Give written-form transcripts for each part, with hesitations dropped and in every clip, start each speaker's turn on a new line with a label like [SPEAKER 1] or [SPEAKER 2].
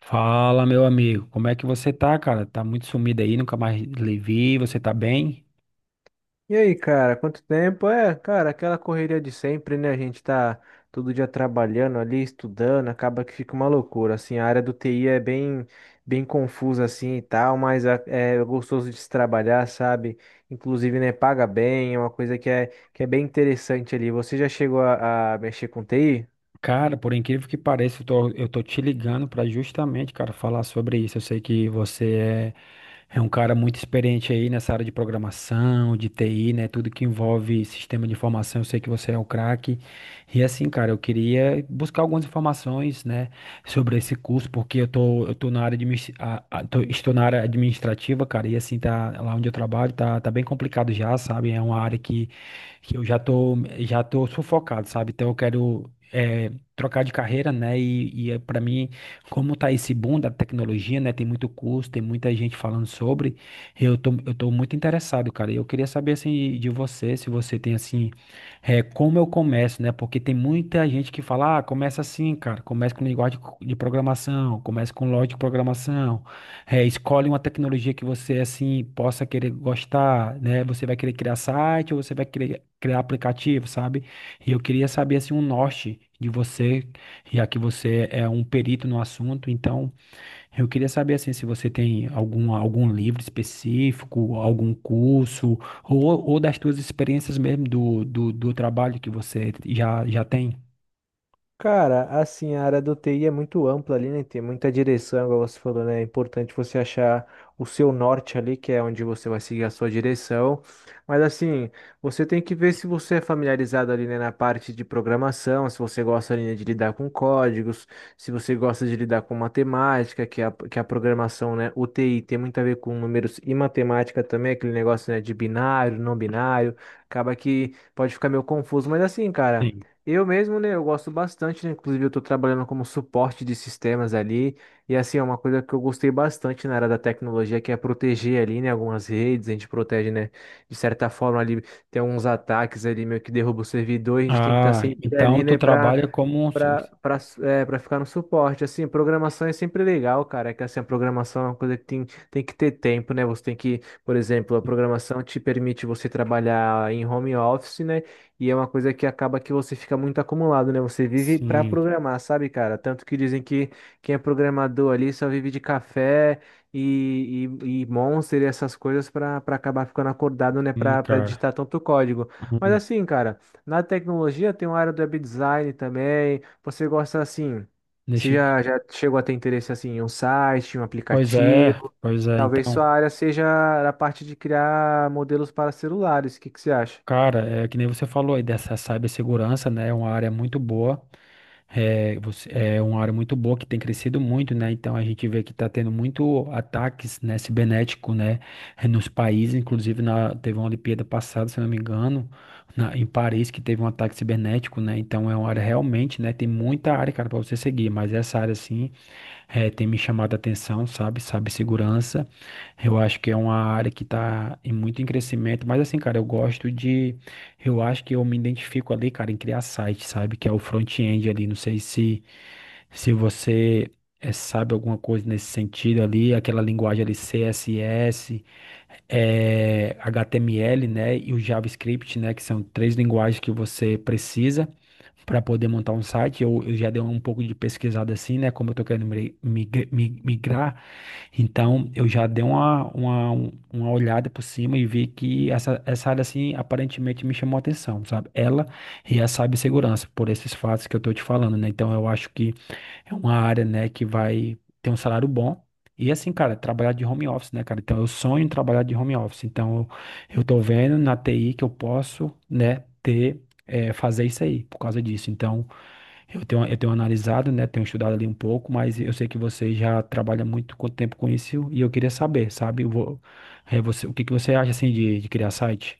[SPEAKER 1] Fala, meu amigo, como é que você tá, cara? Tá muito sumido aí, nunca mais lhe vi, você tá bem?
[SPEAKER 2] E aí, cara, quanto tempo? É, cara, aquela correria de sempre, né? A gente tá todo dia trabalhando ali, estudando, acaba que fica uma loucura. Assim, a área do TI é bem, bem confusa assim e tal, mas é gostoso de se trabalhar, sabe? Inclusive, né, paga bem, é uma coisa que é bem interessante ali. Você já chegou a mexer com TI?
[SPEAKER 1] Cara, por incrível que pareça, eu tô te ligando para justamente, cara, falar sobre isso. Eu sei que é um cara muito experiente aí nessa área de programação, de TI, né? Tudo que envolve sistema de informação, eu sei que você é o craque. E assim, cara, eu queria buscar algumas informações, né, sobre esse curso, porque eu tô na área estou na área administrativa, cara, e assim, tá lá onde eu trabalho, tá bem complicado já, sabe? É uma área que eu já tô sufocado, sabe? Então eu quero é, trocar de carreira, né? E para mim, como tá esse boom da tecnologia, né? Tem muito curso, tem muita gente falando sobre. Eu tô muito interessado, cara. E eu queria saber, assim, de você, se você tem, assim, como eu começo, né? Porque tem muita gente que fala, ah, começa assim, cara. Começa com linguagem de programação, começa com lógica de programação. É, escolhe uma tecnologia que você assim possa querer gostar, né? Você vai querer criar site ou você vai querer criar aplicativo, sabe? E eu queria saber assim um norte de você, já que você é um perito no assunto, então eu queria saber assim se você tem algum livro específico, algum curso ou, ou das suas experiências mesmo do trabalho que você já tem.
[SPEAKER 2] Cara, assim, a área do TI é muito ampla ali, né? Tem muita direção, igual você falou, né? É importante você achar o seu norte ali, que é onde você vai seguir a sua direção. Mas assim, você tem que ver se você é familiarizado ali, né, na parte de programação, se você gosta ali, né, de lidar com códigos, se você gosta de lidar com matemática, que a programação, né, o TI tem muito a ver com números e matemática também, aquele negócio, né, de binário, não binário. Acaba que pode ficar meio confuso, mas assim, cara.
[SPEAKER 1] Sim.
[SPEAKER 2] Eu mesmo, né, eu gosto bastante, né? Inclusive eu estou trabalhando como suporte de sistemas ali, e assim, é uma coisa que eu gostei bastante na área da tecnologia, que é proteger ali, né, algumas redes, a gente protege, né, de certa forma ali, tem alguns ataques ali meio que derruba o servidor, e a gente tem que estar
[SPEAKER 1] Ah,
[SPEAKER 2] sempre
[SPEAKER 1] então
[SPEAKER 2] ali,
[SPEAKER 1] tu
[SPEAKER 2] né, para
[SPEAKER 1] trabalha como um...
[SPEAKER 2] Pra, pra, é, pra ficar no suporte, assim, programação é sempre legal, cara, é que assim, a programação é uma coisa que tem que ter tempo, né, você tem que, por exemplo, a programação te permite você trabalhar em home office, né, e é uma coisa que acaba que você fica muito acumulado, né, você vive pra
[SPEAKER 1] Sim,
[SPEAKER 2] programar, sabe, cara, tanto que dizem que quem é programador ali só vive de café e Monster e essas coisas pra acabar ficando acordado, né, pra
[SPEAKER 1] cara.
[SPEAKER 2] digitar tanto código, mas
[SPEAKER 1] Hum.
[SPEAKER 2] assim, cara. Na tecnologia tem uma área do web design também. Você gosta assim? Você
[SPEAKER 1] Deixa eu...
[SPEAKER 2] já chegou a ter interesse assim em um site, em um aplicativo?
[SPEAKER 1] Pois é,
[SPEAKER 2] Talvez
[SPEAKER 1] então.
[SPEAKER 2] sua área seja a parte de criar modelos para celulares. O que que você acha?
[SPEAKER 1] Cara, é que nem você falou aí dessa cibersegurança, né? É uma área muito boa, é uma área muito boa que tem crescido muito, né? Então a gente vê que está tendo muito ataques, né, cibernético, né, nos países, inclusive teve uma Olimpíada passada, se eu não me engano, em Paris que teve um ataque cibernético, né? Então é uma área realmente, né? Tem muita área, cara, para você seguir, mas essa área assim tem me chamado a atenção, sabe? Sabe, segurança. Eu acho que é uma área que está em muito em crescimento, mas assim, cara, eu gosto de eu acho que eu me identifico ali, cara, em criar site, sabe? Que é o front-end ali. Não sei se você sabe alguma coisa nesse sentido ali, aquela linguagem ali CSS, HTML, né? E o JavaScript, né? Que são três linguagens que você precisa para poder montar um site. Eu já dei um pouco de pesquisada assim, né? Como eu tô querendo migrar. Então, eu já dei uma olhada por cima e vi que essa área, assim, aparentemente me chamou a atenção, sabe? Ela e a cibersegurança, por esses fatos que eu tô te falando, né? Então, eu acho que é uma área, né, que vai ter um salário bom. E assim, cara, trabalhar de home office, né, cara? Então, eu sonho em trabalhar de home office. Então, eu tô vendo na TI que eu posso, né, ter, fazer isso aí, por causa disso. Então, eu tenho analisado, né? Tenho estudado ali um pouco, mas eu sei que você já trabalha muito com tempo com isso e eu queria saber, sabe? É, você, o que que você acha assim de criar site?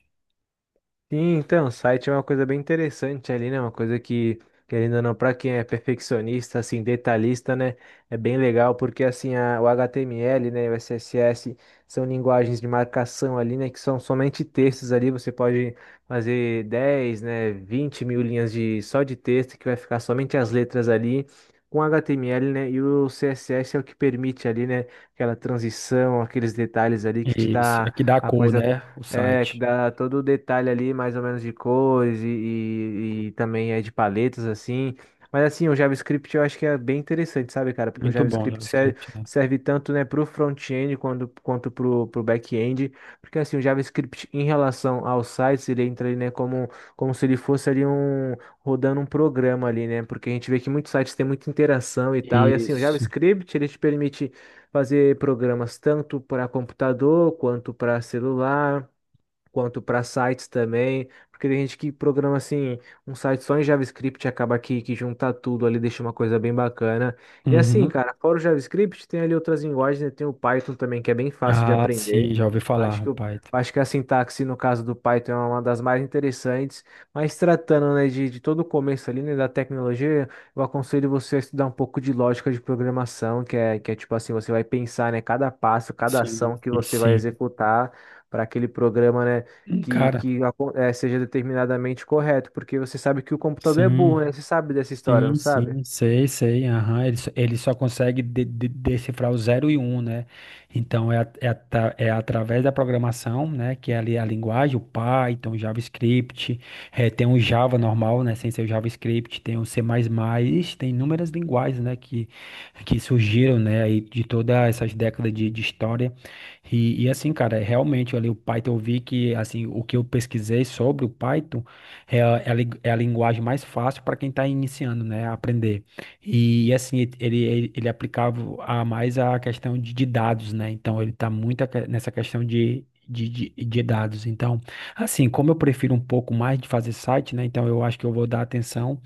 [SPEAKER 2] Sim, então, site é uma coisa bem interessante ali, né? Uma coisa que, querendo ou não, para quem é perfeccionista, assim, detalhista, né? É bem legal, porque assim, o HTML, né, e o CSS são linguagens de marcação ali, né? Que são somente textos ali. Você pode fazer 10 né, 20.000 linhas de, só de texto, que vai ficar somente as letras ali. Com HTML, né? E o CSS é o que permite ali, né? Aquela transição, aqueles detalhes ali que te
[SPEAKER 1] Isso, é
[SPEAKER 2] dá
[SPEAKER 1] que dá
[SPEAKER 2] a
[SPEAKER 1] cor,
[SPEAKER 2] coisa
[SPEAKER 1] né? O
[SPEAKER 2] é, que
[SPEAKER 1] site.
[SPEAKER 2] dá todo o detalhe ali, mais ou menos, de cores e também é de paletas, assim. Mas assim, o JavaScript eu acho que é bem interessante, sabe, cara? Porque o
[SPEAKER 1] Muito bom,
[SPEAKER 2] JavaScript serve,
[SPEAKER 1] JavaScript, né?
[SPEAKER 2] serve tanto, né, pro front-end quanto pro back-end. Porque assim, o JavaScript em relação aos sites, ele entra ali, né, como se ele fosse ali um, rodando um programa ali, né? Porque a gente vê que muitos sites têm muita interação e tal. E assim, o
[SPEAKER 1] Isso.
[SPEAKER 2] JavaScript, ele te permite fazer programas tanto para computador quanto para celular quanto para sites também, porque tem gente que programa assim um site só em JavaScript e acaba que junta tudo ali, deixa uma coisa bem bacana. E assim,
[SPEAKER 1] Uhum.
[SPEAKER 2] cara, fora o JavaScript, tem ali outras linguagens, né? Tem o Python também, que é bem fácil de
[SPEAKER 1] Ah, sim,
[SPEAKER 2] aprender.
[SPEAKER 1] já ouvi
[SPEAKER 2] Acho
[SPEAKER 1] falar,
[SPEAKER 2] que o
[SPEAKER 1] Python.
[SPEAKER 2] Acho que a sintaxe, no caso do Python, é uma das mais interessantes, mas tratando, né, de todo o começo ali, né, da tecnologia, eu aconselho você a estudar um pouco de lógica de programação, que é tipo assim, você vai pensar, né, cada passo, cada ação
[SPEAKER 1] Sim,
[SPEAKER 2] que você vai
[SPEAKER 1] sim.
[SPEAKER 2] executar para aquele programa, né? que,
[SPEAKER 1] Cara.
[SPEAKER 2] que acon- eh, seja determinadamente correto, porque você sabe que o computador é
[SPEAKER 1] Sim.
[SPEAKER 2] burro, né? Você sabe dessa história, não
[SPEAKER 1] Sim,
[SPEAKER 2] sabe?
[SPEAKER 1] sim, sei, sei, aham. Ele só consegue decifrar o zero e um, né? Então, é através da programação, né, que é ali a linguagem, o Python, o JavaScript, tem o Java normal, né, sem ser o JavaScript, tem o C++, tem inúmeras linguagens, né, que surgiram, né, aí de todas essas décadas de história. E assim, cara, é realmente ali o Python, eu vi que, assim, o que eu pesquisei sobre o Python, é a linguagem mais fácil para quem está iniciando, né, a aprender. E, assim, ele aplicava a mais a questão de dados, né? Então, ele está muito nessa questão de dados. Então, assim, como eu prefiro um pouco mais de fazer site, né? Então, eu acho que eu vou dar atenção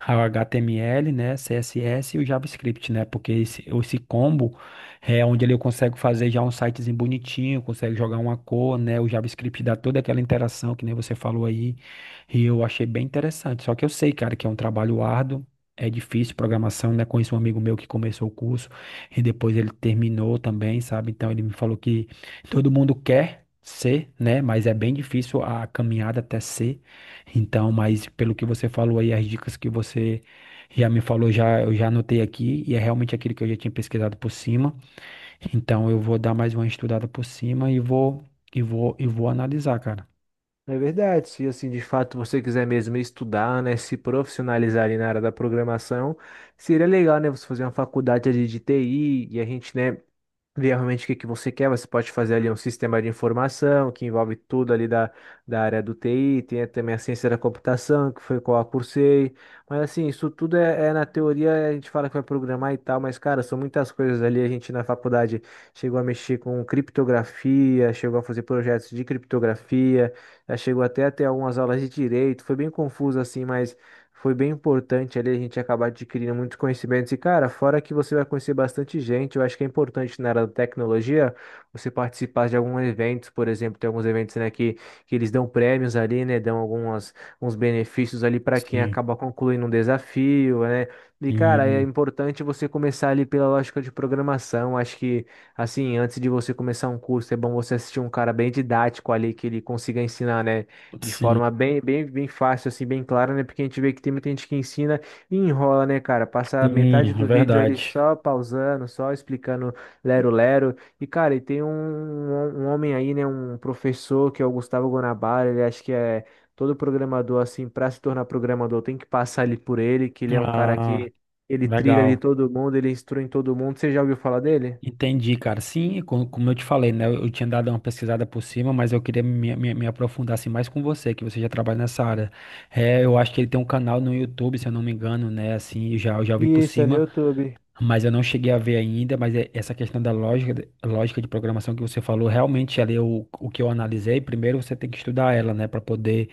[SPEAKER 1] ao HTML, né, CSS e o JavaScript, né? Porque esse combo é onde ele eu consigo fazer já um sitezinho bonitinho, consegue jogar uma cor, né? O JavaScript dá toda aquela interação que nem você falou aí. E eu achei bem interessante. Só que eu sei, cara, que é um trabalho árduo, é difícil programação, né? Conheço um amigo meu que começou o curso e depois ele terminou também, sabe? Então ele me falou que todo mundo quer ser, né? Mas é bem difícil a caminhada até ser. Então, mas pelo que você falou aí, as dicas que você já me falou, já eu já anotei aqui e é realmente aquilo que eu já tinha pesquisado por cima. Então eu vou dar mais uma estudada por cima e vou analisar, cara.
[SPEAKER 2] É verdade, se assim de fato você quiser mesmo estudar, né, se profissionalizar ali na área da programação, seria legal, né, você fazer uma faculdade ali de TI e a gente, né, ver realmente o que que você quer. Você pode fazer ali um sistema de informação que envolve tudo ali da área do TI, tem também a ciência da computação, que foi qual eu cursei. Mas assim, isso tudo é na teoria, a gente fala que vai programar e tal, mas cara, são muitas coisas ali. A gente na faculdade chegou a mexer com criptografia, chegou a fazer projetos de criptografia, já chegou até a ter algumas aulas de direito, foi bem confuso assim, mas. Foi bem importante ali a gente acabar adquirindo muitos conhecimentos. E, cara, fora que você vai conhecer bastante gente, eu acho que é importante na área da tecnologia você participar de alguns eventos, por exemplo, tem alguns eventos, né, que eles dão prêmios ali, né, dão algumas, uns benefícios ali para quem
[SPEAKER 1] Sim.
[SPEAKER 2] acaba concluindo um desafio, né. E, cara, é
[SPEAKER 1] Sim.
[SPEAKER 2] importante você começar ali pela lógica de programação. Acho que, assim, antes de você começar um curso, é bom você assistir um cara bem didático ali, que ele consiga ensinar, né? De
[SPEAKER 1] Sim.
[SPEAKER 2] forma bem, bem, bem fácil, assim, bem clara, né? Porque a gente vê que tem muita gente que ensina e enrola, né, cara? Passa metade
[SPEAKER 1] Sim, é
[SPEAKER 2] do vídeo ali
[SPEAKER 1] verdade.
[SPEAKER 2] só pausando, só explicando lero-lero. E, cara, e tem um homem aí, né? Um professor que é o Gustavo Guanabara, ele acha que é todo programador, assim, para se tornar programador tem que passar ali por ele, que ele é um cara
[SPEAKER 1] Ah,
[SPEAKER 2] que ele trilha ali
[SPEAKER 1] legal.
[SPEAKER 2] todo mundo, ele instrui em todo mundo. Você já ouviu falar dele?
[SPEAKER 1] Entendi, cara. Sim, como eu te falei, né? Eu tinha dado uma pesquisada por cima, mas eu queria me aprofundar assim, mais com você, que você já trabalha nessa área. É, eu acho que ele tem um canal no YouTube, se eu não me engano, né? Assim, já, eu já vi por
[SPEAKER 2] Isso, é no
[SPEAKER 1] cima.
[SPEAKER 2] YouTube.
[SPEAKER 1] Mas eu não cheguei a ver ainda, mas essa questão da lógica, lógica de programação que você falou, realmente ali o que eu analisei, primeiro você tem que estudar ela, né, para poder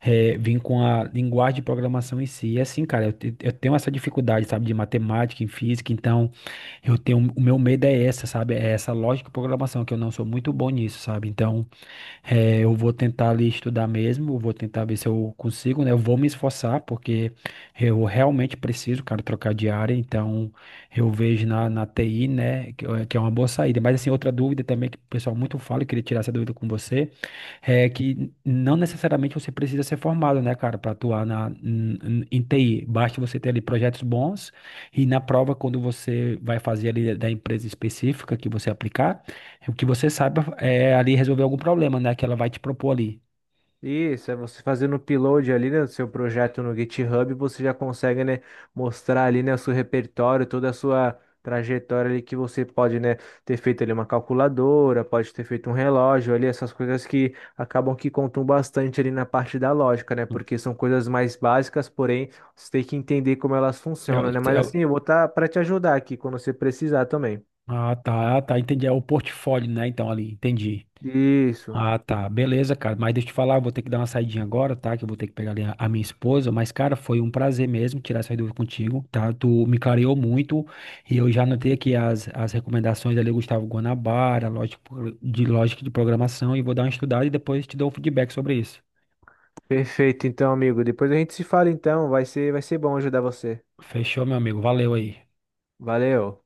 [SPEAKER 1] vir com a linguagem de programação em si. E assim, cara, eu tenho essa dificuldade, sabe, de matemática, em física, então eu tenho, o meu medo é essa, sabe, é essa lógica de programação, que eu não sou muito bom nisso, sabe, então eu vou tentar ali estudar mesmo, eu vou tentar ver se eu consigo, né? Eu vou me esforçar, porque eu realmente preciso, cara, trocar de área, então eu vejo na TI, né, é que é uma boa saída. Mas, assim, outra dúvida também que o pessoal muito fala, eu queria tirar essa dúvida com você, é que não necessariamente você precisa ser formado, né, cara, para atuar em TI. Basta você ter ali projetos bons e na prova, quando você vai fazer ali da empresa específica que você aplicar, é o que você saiba é ali resolver algum problema, né? Que ela vai te propor ali.
[SPEAKER 2] Isso, é você fazendo o upload ali, né, do seu projeto no GitHub, você já consegue, né, mostrar ali, né, o seu repertório, toda a sua trajetória ali que você pode, né, ter feito ali uma calculadora, pode ter feito um relógio ali, essas coisas que acabam que contam bastante ali na parte da lógica, né, porque são coisas mais básicas, porém, você tem que entender como elas
[SPEAKER 1] É, o-
[SPEAKER 2] funcionam, né, mas
[SPEAKER 1] é
[SPEAKER 2] assim,
[SPEAKER 1] o-
[SPEAKER 2] eu vou estar para te ajudar aqui quando você precisar também.
[SPEAKER 1] ah, tá, tá, entendi. É o portfólio, né? Então, ali, entendi.
[SPEAKER 2] Isso,
[SPEAKER 1] Ah, tá, beleza, cara. Mas deixa eu te falar, eu vou ter que dar uma saidinha agora, tá? Que eu vou ter que pegar ali a minha esposa. Mas, cara, foi um prazer mesmo tirar essa dúvida contigo, tá? Tu me clareou muito e eu já anotei aqui as recomendações ali, Gustavo Guanabara, lógica de lógica de programação, e vou dar uma estudada e depois te dou um feedback sobre isso.
[SPEAKER 2] perfeito, então, amigo, depois a gente se fala, então, vai ser bom ajudar você.
[SPEAKER 1] Fechou, meu amigo. Valeu aí.
[SPEAKER 2] Valeu.